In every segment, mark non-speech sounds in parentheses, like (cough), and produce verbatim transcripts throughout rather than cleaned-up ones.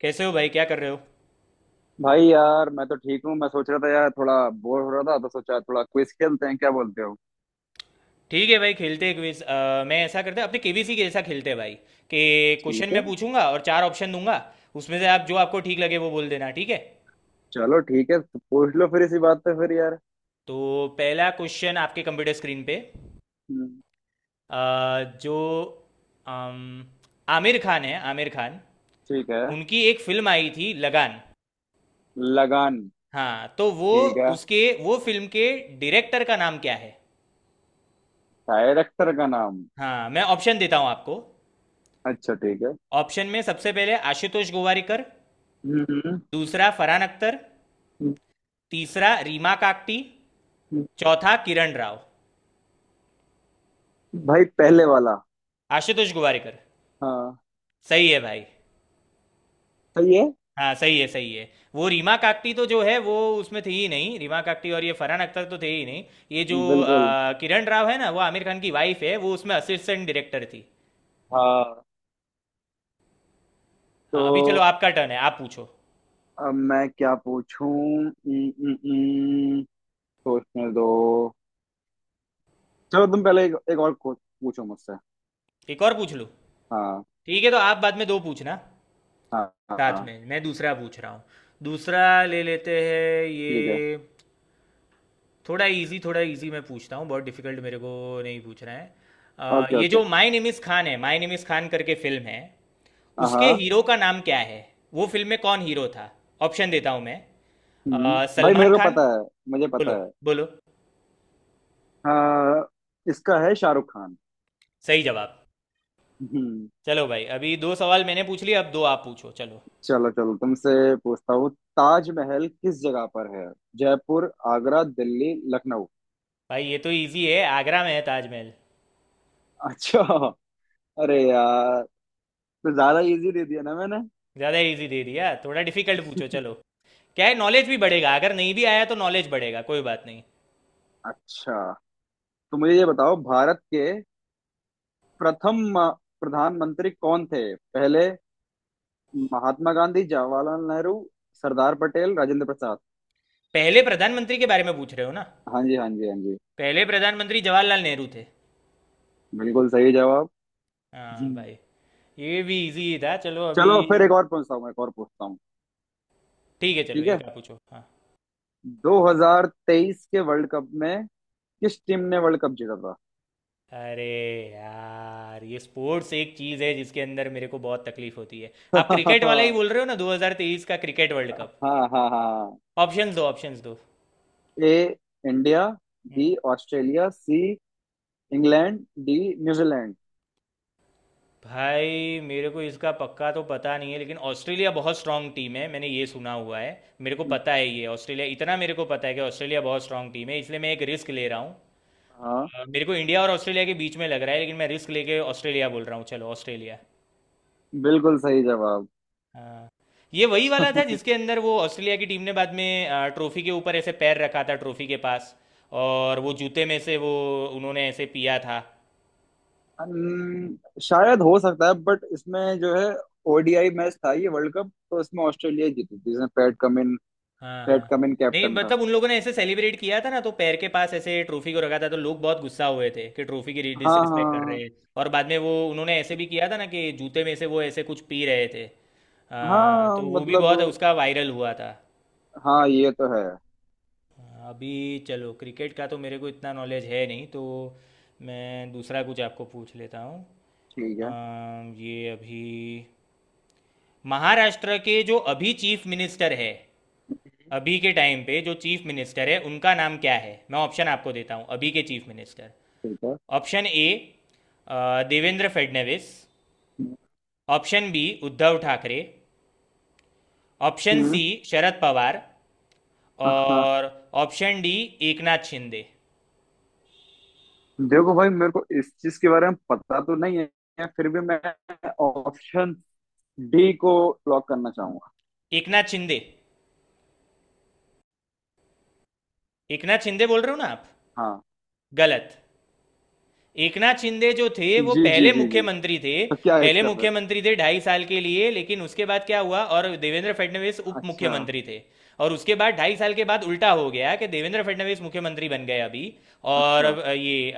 कैसे हो भाई, क्या कर रहे हो? भाई यार, मैं तो ठीक हूँ। मैं सोच रहा था यार, थोड़ा बोर हो रहा था तो सोचा थोड़ा क्विज खेलते हैं, क्या बोलते हो? ठीक है भाई, खेलते हैं क्विज। अ, मैं ऐसा करते हैं, अपने केबीसी के जैसा खेलते हैं भाई, कि क्वेश्चन ठीक है। मैं पूछूंगा और चार ऑप्शन दूंगा। उसमें से आप जो आपको ठीक लगे वो बोल देना, ठीक है? चलो ठीक है, तो पूछ लो फिर इसी बात पे फिर यार। तो पहला क्वेश्चन आपके कंप्यूटर स्क्रीन पे, हम्म, अ, जो अम, आमिर खान है, आमिर खान, ठीक है। उनकी एक फिल्म आई थी लगान। लगान। हाँ तो वो, ठीक है। उसके वो फिल्म के डायरेक्टर का नाम क्या है? डायरेक्टर का नाम? हाँ, मैं ऑप्शन देता हूँ आपको। अच्छा ठीक है। ऑप्शन में सबसे पहले आशुतोष गोवारिकर, हम्म। दूसरा फरहान अख्तर, तीसरा रीमा काकटी, हम्म, चौथा किरण राव। भाई पहले वाला। आशुतोष गुवारिकर। हाँ, सही है भाई। सही है। हाँ, सही है, सही है। वो रीमा काकटी तो जो है वो उसमें थी ही नहीं, रीमा काकटी, और ये फरहान अख्तर तो थे ही नहीं। ये जो बिल्कुल। अ, किरण राव है ना, वो आमिर खान की वाइफ है, वो उसमें असिस्टेंट डायरेक्टर थी। हाँ। तो हाँ, अभी चलो, आपका अ- टर्न है, आप पूछो। अब मैं क्या पूछूं? उम, उम, उम, सोचने दो। चलो, तुम पहले एक, एक और को- पूछो मुझसे। एक और पूछ लूँ। हाँ ठीक है, तो आप बाद में दो पूछना, हाँ। हाँ साथ हाँ। में मैं दूसरा पूछ रहा हूँ। दूसरा ले लेते हैं ठीक है। ये। थोड़ा इजी, थोड़ा इजी मैं पूछता हूँ, बहुत डिफिकल्ट मेरे को नहीं पूछना है। अ, ओके ये ओके। जो माय नेम इज़ खान है, माय नेम इज़ खान करके फिल्म है, उसके हाँ। हीरो का नाम क्या है, वो फिल्म में कौन हीरो था? ऑप्शन देता हूँ मैं। हम्म अ, भाई, मेरे सलमान को खान। पता है। मुझे पता बोलो, है। बोलो। हाँ। इसका है शाहरुख खान। सही जवाब। हम्म। चलो भाई, अभी दो सवाल मैंने पूछ लिए, अब दो आप पूछो, चलो। चलो चलो, तुमसे पूछता हूँ। ताजमहल किस जगह पर है? जयपुर, आगरा, दिल्ली, लखनऊ। भाई ये तो इजी है, आगरा में है ताजमहल। अच्छा। अरे यार, तो ज्यादा इजी दे दिया ना मैंने। ज़्यादा इजी दे दिया, थोड़ा डिफिकल्ट पूछो चलो। क्या है, नॉलेज भी बढ़ेगा, अगर नहीं भी आया तो नॉलेज बढ़ेगा, कोई बात नहीं। अच्छा, तो मुझे ये बताओ, भारत के प्रथम अ, प्रधानमंत्री कौन थे? पहले? महात्मा गांधी, जवाहरलाल नेहरू, सरदार पटेल, राजेंद्र प्रसाद। पहले प्रधानमंत्री के बारे में पूछ रहे हो ना? हाँ जी, हाँ जी, हाँ जी। पहले प्रधानमंत्री जवाहरलाल नेहरू थे। बिल्कुल सही जवाब। जी। हाँ भाई। ये भी इजी था, चलो अभी। चलो फिर एक और पूछता हूँ एक और पूछता हूँ ठीक है चलो, ठीक है। एक आप पूछो, हाँ। दो हज़ार तेईस के वर्ल्ड कप में किस टीम ने वर्ल्ड कप जीता था? अरे यार, ये स्पोर्ट्स एक चीज़ है जिसके अंदर मेरे को बहुत तकलीफ होती है। आप क्रिकेट वाला (laughs) ही बोल रहे हो ना, दो हज़ार तेईस का क्रिकेट वर्ल्ड कप? हाँ हाँ हाँ। ऑप्शंस दो, ऑप्शंस दो। A India, B hmm, Australia, C England, D New Zealand. भाई मेरे को इसका पक्का तो पता नहीं है, लेकिन ऑस्ट्रेलिया बहुत स्ट्रांग टीम है, मैंने ये सुना हुआ है। मेरे को पता है ये, ऑस्ट्रेलिया, इतना मेरे को पता है कि ऑस्ट्रेलिया बहुत स्ट्रांग टीम है, इसलिए मैं एक रिस्क ले रहा हूँ। हाँ। अ, मेरे को इंडिया और ऑस्ट्रेलिया के बीच में लग रहा है, लेकिन मैं रिस्क लेके ऑस्ट्रेलिया बोल रहा हूँ, चलो ऑस्ट्रेलिया। बिल्कुल सही जवाब। हाँ। ये वही वाला था (laughs) जिसके अंदर वो ऑस्ट्रेलिया की टीम ने बाद में अ, ट्रॉफी के ऊपर ऐसे पैर रखा था, ट्रॉफी के पास। और वो जूते में से वो, उन्होंने ऐसे पिया था। अन- शायद हो सकता है, बट इसमें जो है ओडीआई मैच था ये वर्ल्ड कप, तो इसमें ऑस्ट्रेलिया जीती थी जिसमें पैट कमिन, हाँ हाँ। पैट कमिन नहीं कैप्टन था। मतलब, उन लोगों ने ऐसे सेलिब्रेट किया था ना, तो पैर के पास ऐसे ट्रॉफी को रखा था, तो लोग बहुत गुस्सा हुए थे कि ट्रॉफी की हाँ डिसरिस्पेक्ट कर रहे हाँ। हैं। और बाद में वो उन्होंने ऐसे भी किया था ना, कि जूते में से वो ऐसे कुछ पी रहे थे, हाँ अ, हाँ, तो वो भी बहुत मतलब उसका वायरल हुआ था। हाँ, ये तो है। अभी चलो, क्रिकेट का तो मेरे को इतना नॉलेज है नहीं, तो मैं दूसरा कुछ आपको पूछ लेता हूँ। ठीक है। अम, ये अभी महाराष्ट्र के जो अभी चीफ मिनिस्टर है, अभी के टाइम पे जो चीफ मिनिस्टर है उनका नाम क्या है, मैं ऑप्शन आपको देता हूँ, अभी के चीफ मिनिस्टर। ठीक है। Option A Devendra Fadnavis, option B Uddhav Thackeray, option हम्म। सी शरद पवार, हाँ। और ऑप्शन डी एकनाथ शिंदे। देखो भाई, मेरे को इस चीज के बारे में पता तो नहीं है, फिर भी मैं ऑप्शन डी को लॉक करना चाहूंगा। एकनाथ शिंदे। एकनाथ शिंदे बोल रहे हो ना आप? हाँ। गलत। एकनाथ शिंदे जो थे वो जी जी पहले जी जी। मुख्यमंत्री थे। तो क्या है पहले इसका फिर? मुख्यमंत्री थे ढाई साल के लिए, लेकिन उसके बाद क्या हुआ, और देवेंद्र फडणवीस उप अच्छा। मुख्यमंत्री थे। और उसके बाद ढाई साल के बाद उल्टा हो गया कि देवेंद्र फडणवीस मुख्यमंत्री बन गए अभी। और अच्छा। अ, ये, अ,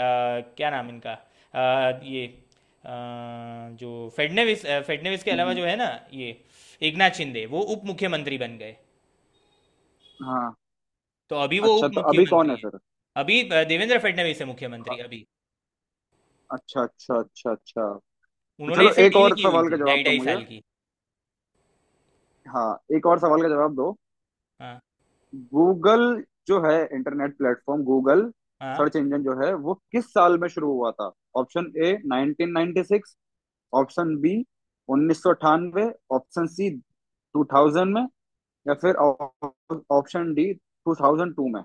क्या नाम इनका, अ, ये अ, जो फडणवीस, अ, फडणवीस के अलावा हम्म, जो है ना, ये एकनाथ शिंदे वो उप मुख्यमंत्री बन गए। हाँ। तो अभी वो उप अच्छा, तो अभी कौन मुख्यमंत्री है है। फिर? अभी अ, देवेंद्र फडणवीस है मुख्यमंत्री अ- अभी। अच्छा अच्छा अच्छा अच्छा। तो उन्होंने चलो, ऐसे एक डील और की हुई सवाल का थी, ढाई जवाब दो ढाई मुझे। साल की। हाँ। एक और सवाल का जवाब दो। हाँ गूगल जो है, इंटरनेट प्लेटफॉर्म गूगल, हाँ। सर्च इंजन जो है वो किस साल में शुरू हुआ था? Option A nineteen ninety six, option B उन्नीस सौ अट्ठानवे, ऑप्शन सी टू थाउज़ेंड में, या फिर ऑप- option D two thousand to में।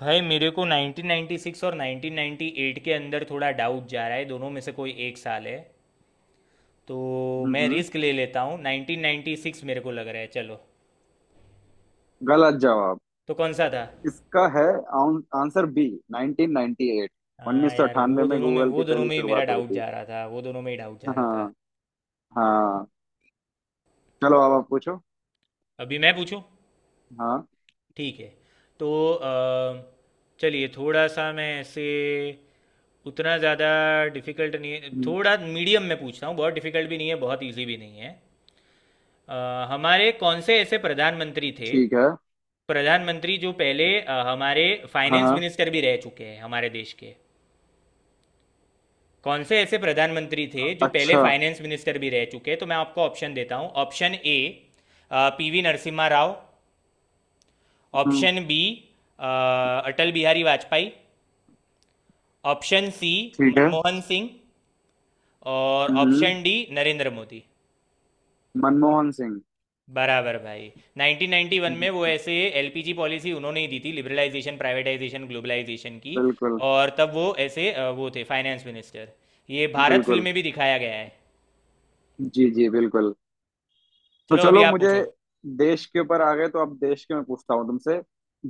भाई मेरे को नाइनटीन नाइंटी सिक्स और नाइनटीन नाइंटी एट के अंदर थोड़ा डाउट जा रहा है, दोनों में से कोई एक साल है। तो मैं हम्म। रिस्क ले लेता हूँ, नाइनटीन नाइंटी सिक्स मेरे को लग रहा है, चलो। गलत जवाब। तो कौन सा था? इसका है आउन- आंसर बी उन्नीस सौ अट्ठानवे। हाँ उन्नीस सौ यार, अट्ठानवे वो में दोनों में गूगल की वो दोनों पहली में ही मेरा शुरुआत हुई डाउट थी। जा रहा था, वो दोनों में ही डाउट जा रहा था। हाँ। हाँ। चलो अब आप पूछो। अभी मैं पूछूं? हाँ। ठीक है। तो अ, चलिए, थोड़ा सा मैं ऐसे, उतना ज़्यादा डिफिकल्ट नहीं है, हम्म, थोड़ा मीडियम में पूछता हूँ, बहुत डिफिकल्ट भी नहीं है, बहुत इजी भी नहीं है। अ, हमारे कौन से ऐसे प्रधानमंत्री थे, ठीक है। प्रधानमंत्री जो पहले अ, हमारे फाइनेंस हाँ। मिनिस्टर भी रह चुके हैं हमारे देश के, कौन से ऐसे प्रधानमंत्री थे जो पहले अच्छा। फाइनेंस मिनिस्टर भी रह चुके हैं, तो मैं आपको ऑप्शन देता हूँ। Option A PV Narasimha Rao, हम्म, option B Atal Bihari Vajpayee, option C ठीक है। मनमोहन सिंह, और हम्म। Option D Narendra Modi. मनमोहन सिंह। बराबर भाई। नाइनटीन नाइंटी वन में वो हम्म। ऐसे एलपीजी पॉलिसी उन्होंने ही दी थी, लिबरलाइजेशन प्राइवेटाइजेशन ग्लोबलाइजेशन की। बिल्कुल। और तब वो ऐसे, अ, वो थे फाइनेंस मिनिस्टर। ये भारत फिल्म बिल्कुल। में भी दिखाया गया है। जी जी, बिल्कुल। तो चलो, अभी चलो आप मुझे, पूछो। देश के ऊपर आ गए तो अब देश के मैं पूछता हूँ तुमसे।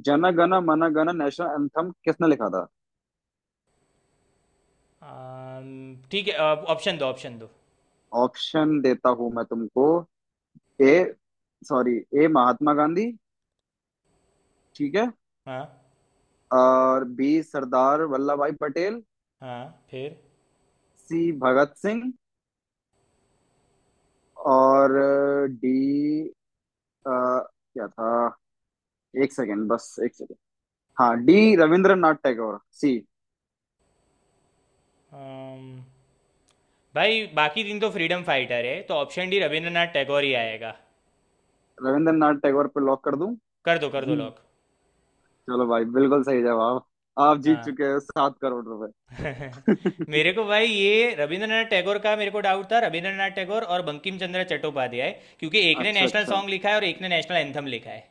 जन गण मन गण नेशनल एंथम किसने लिखा था? अम, ठीक है। ऑप्शन दो, ऑप्शन दो। ऑप्शन देता हूँ मैं तुमको। A. Sorry. A Mahatma Gandhi. ठीक है। हाँ। और बी सरदार वल्लभ भाई पटेल। हाँ फिर। सी भगत सिंह। और डी क्या था? एक सेकेंड, बस एक। हाँ, D Rabindranath Tagore, C. Um, भाई, बाकी दिन तो फ्रीडम फाइटर है, तो ऑप्शन डी रविंद्रनाथ टैगोर ही आएगा। रविंद्रनाथ टैगोर पे लॉक कर दूं? कर दो, (laughs) कर दो हम्म, लॉक। चलो भाई, बिल्कुल सही जवाब। आप जीत हाँ। चुके हो सात करोड़ (laughs) रुपए मेरे (laughs) को भाई ये रविंद्रनाथ टैगोर का मेरे को डाउट था, रविंद्रनाथ टैगोर और बंकिम चंद्र चट्टोपाध्याय, क्योंकि एक ने अच्छा नेशनल अच्छा सॉन्ग लिखा है और एक ने नेशनल एंथम लिखा है,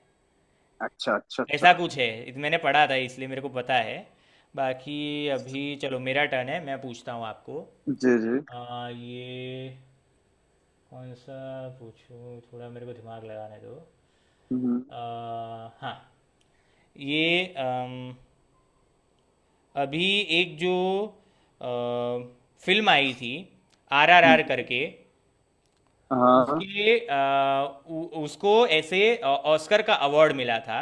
अच्छा अच्छा। ऐसा अच्छा। कुछ है। इत- मैंने पढ़ा था इसलिए मेरे को पता है। बाकी, अभी चलो, मेरा टर्न है, मैं पूछता हूँ आपको। जी जी। आ, ये कौन सा पूछूँ, थोड़ा मेरे को दिमाग लगाने दो। हम्म। आ, हाँ। ये अम, अभी एक जो अ, फिल्म आई थी आर आर आर हम्म, करके, हाँ उसके अ, उ- उसको ऐसे अ, ऑस्कर का अवार्ड मिला था।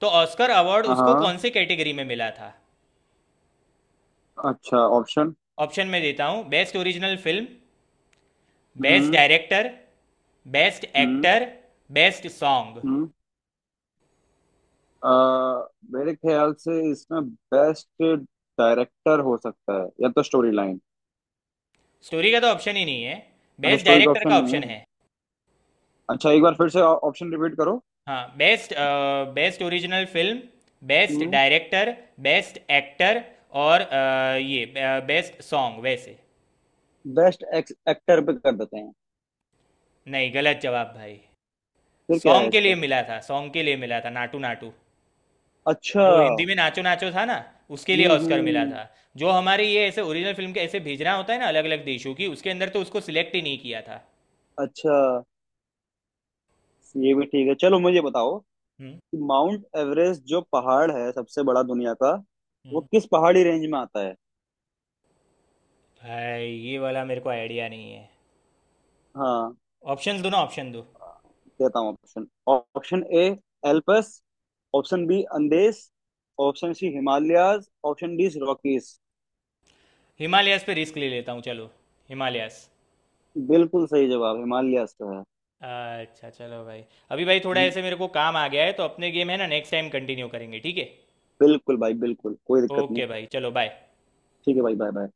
तो ऑस्कर अवार्ड उसको हाँ। कौन से कैटेगरी में मिला था? अच्छा, ऑप्शन। ऑप्शन में देता हूँ, बेस्ट ओरिजिनल फिल्म, बेस्ट हम्म डायरेक्टर, बेस्ट हम्म एक्टर, बेस्ट सॉन्ग। हम्म। अ, मेरे ख्याल से इसमें बेस्ट डायरेक्टर हो सकता है, या तो स्टोरी लाइन। स्टोरी का तो ऑप्शन ही नहीं है, अच्छा, बेस्ट स्टोरी का डायरेक्टर ऑप्शन का नहीं ऑप्शन है। है। अच्छा, एक बार फिर से ऑप्शन रिपीट करो। हाँ, best, best original film, best हम्म। डायरेक्टर, बेस्ट एक्टर, और अ, ये बेस्ट सॉन्ग वैसे। बेस्ट एक्टर पे कर देते हैं। नहीं, गलत जवाब भाई। फिर क्या है सॉन्ग के लिए इसका? मिला था, सॉन्ग के लिए मिला था, नाटू नाटू, अच्छा। जो हिंदी में नाचो नाचो था ना, उसके लिए हम्म ऑस्कर मिला हम्म। था। जो हमारे ये ऐसे ओरिजिनल फिल्म के ऐसे भेजना होता है ना अलग अलग देशों की, उसके अंदर तो उसको सिलेक्ट ही नहीं किया था। अच्छा, ये भी ठीक है। चलो मुझे बताओ कि हम्म माउंट एवरेस्ट जो पहाड़ है सबसे बड़ा दुनिया का, वो हम्म। किस पहाड़ी रेंज में आता है? भाई ये वाला मेरे को आइडिया नहीं है, हाँ। ऑप्शन दो ना, ऑप्शन दो। देता हूँ option. Option A Alps, option B Andes, option C Himalayas, option D Rockies. Himalayas पे रिस्क ले लेता हूँ, चलो, हिमालयास। बिल्कुल सही जवाब, हिमालयाज का है। अच्छा चलो भाई, अभी भाई थोड़ा हम्म। ऐसे मेरे को काम आ गया है, तो अपने गेम है ना, नेक्स्ट टाइम कंटिन्यू करेंगे, ठीक है? बिल्कुल भाई, बिल्कुल कोई दिक्कत नहीं। ओके भाई, चलो बाय। ठीक है भाई, बाय बाय।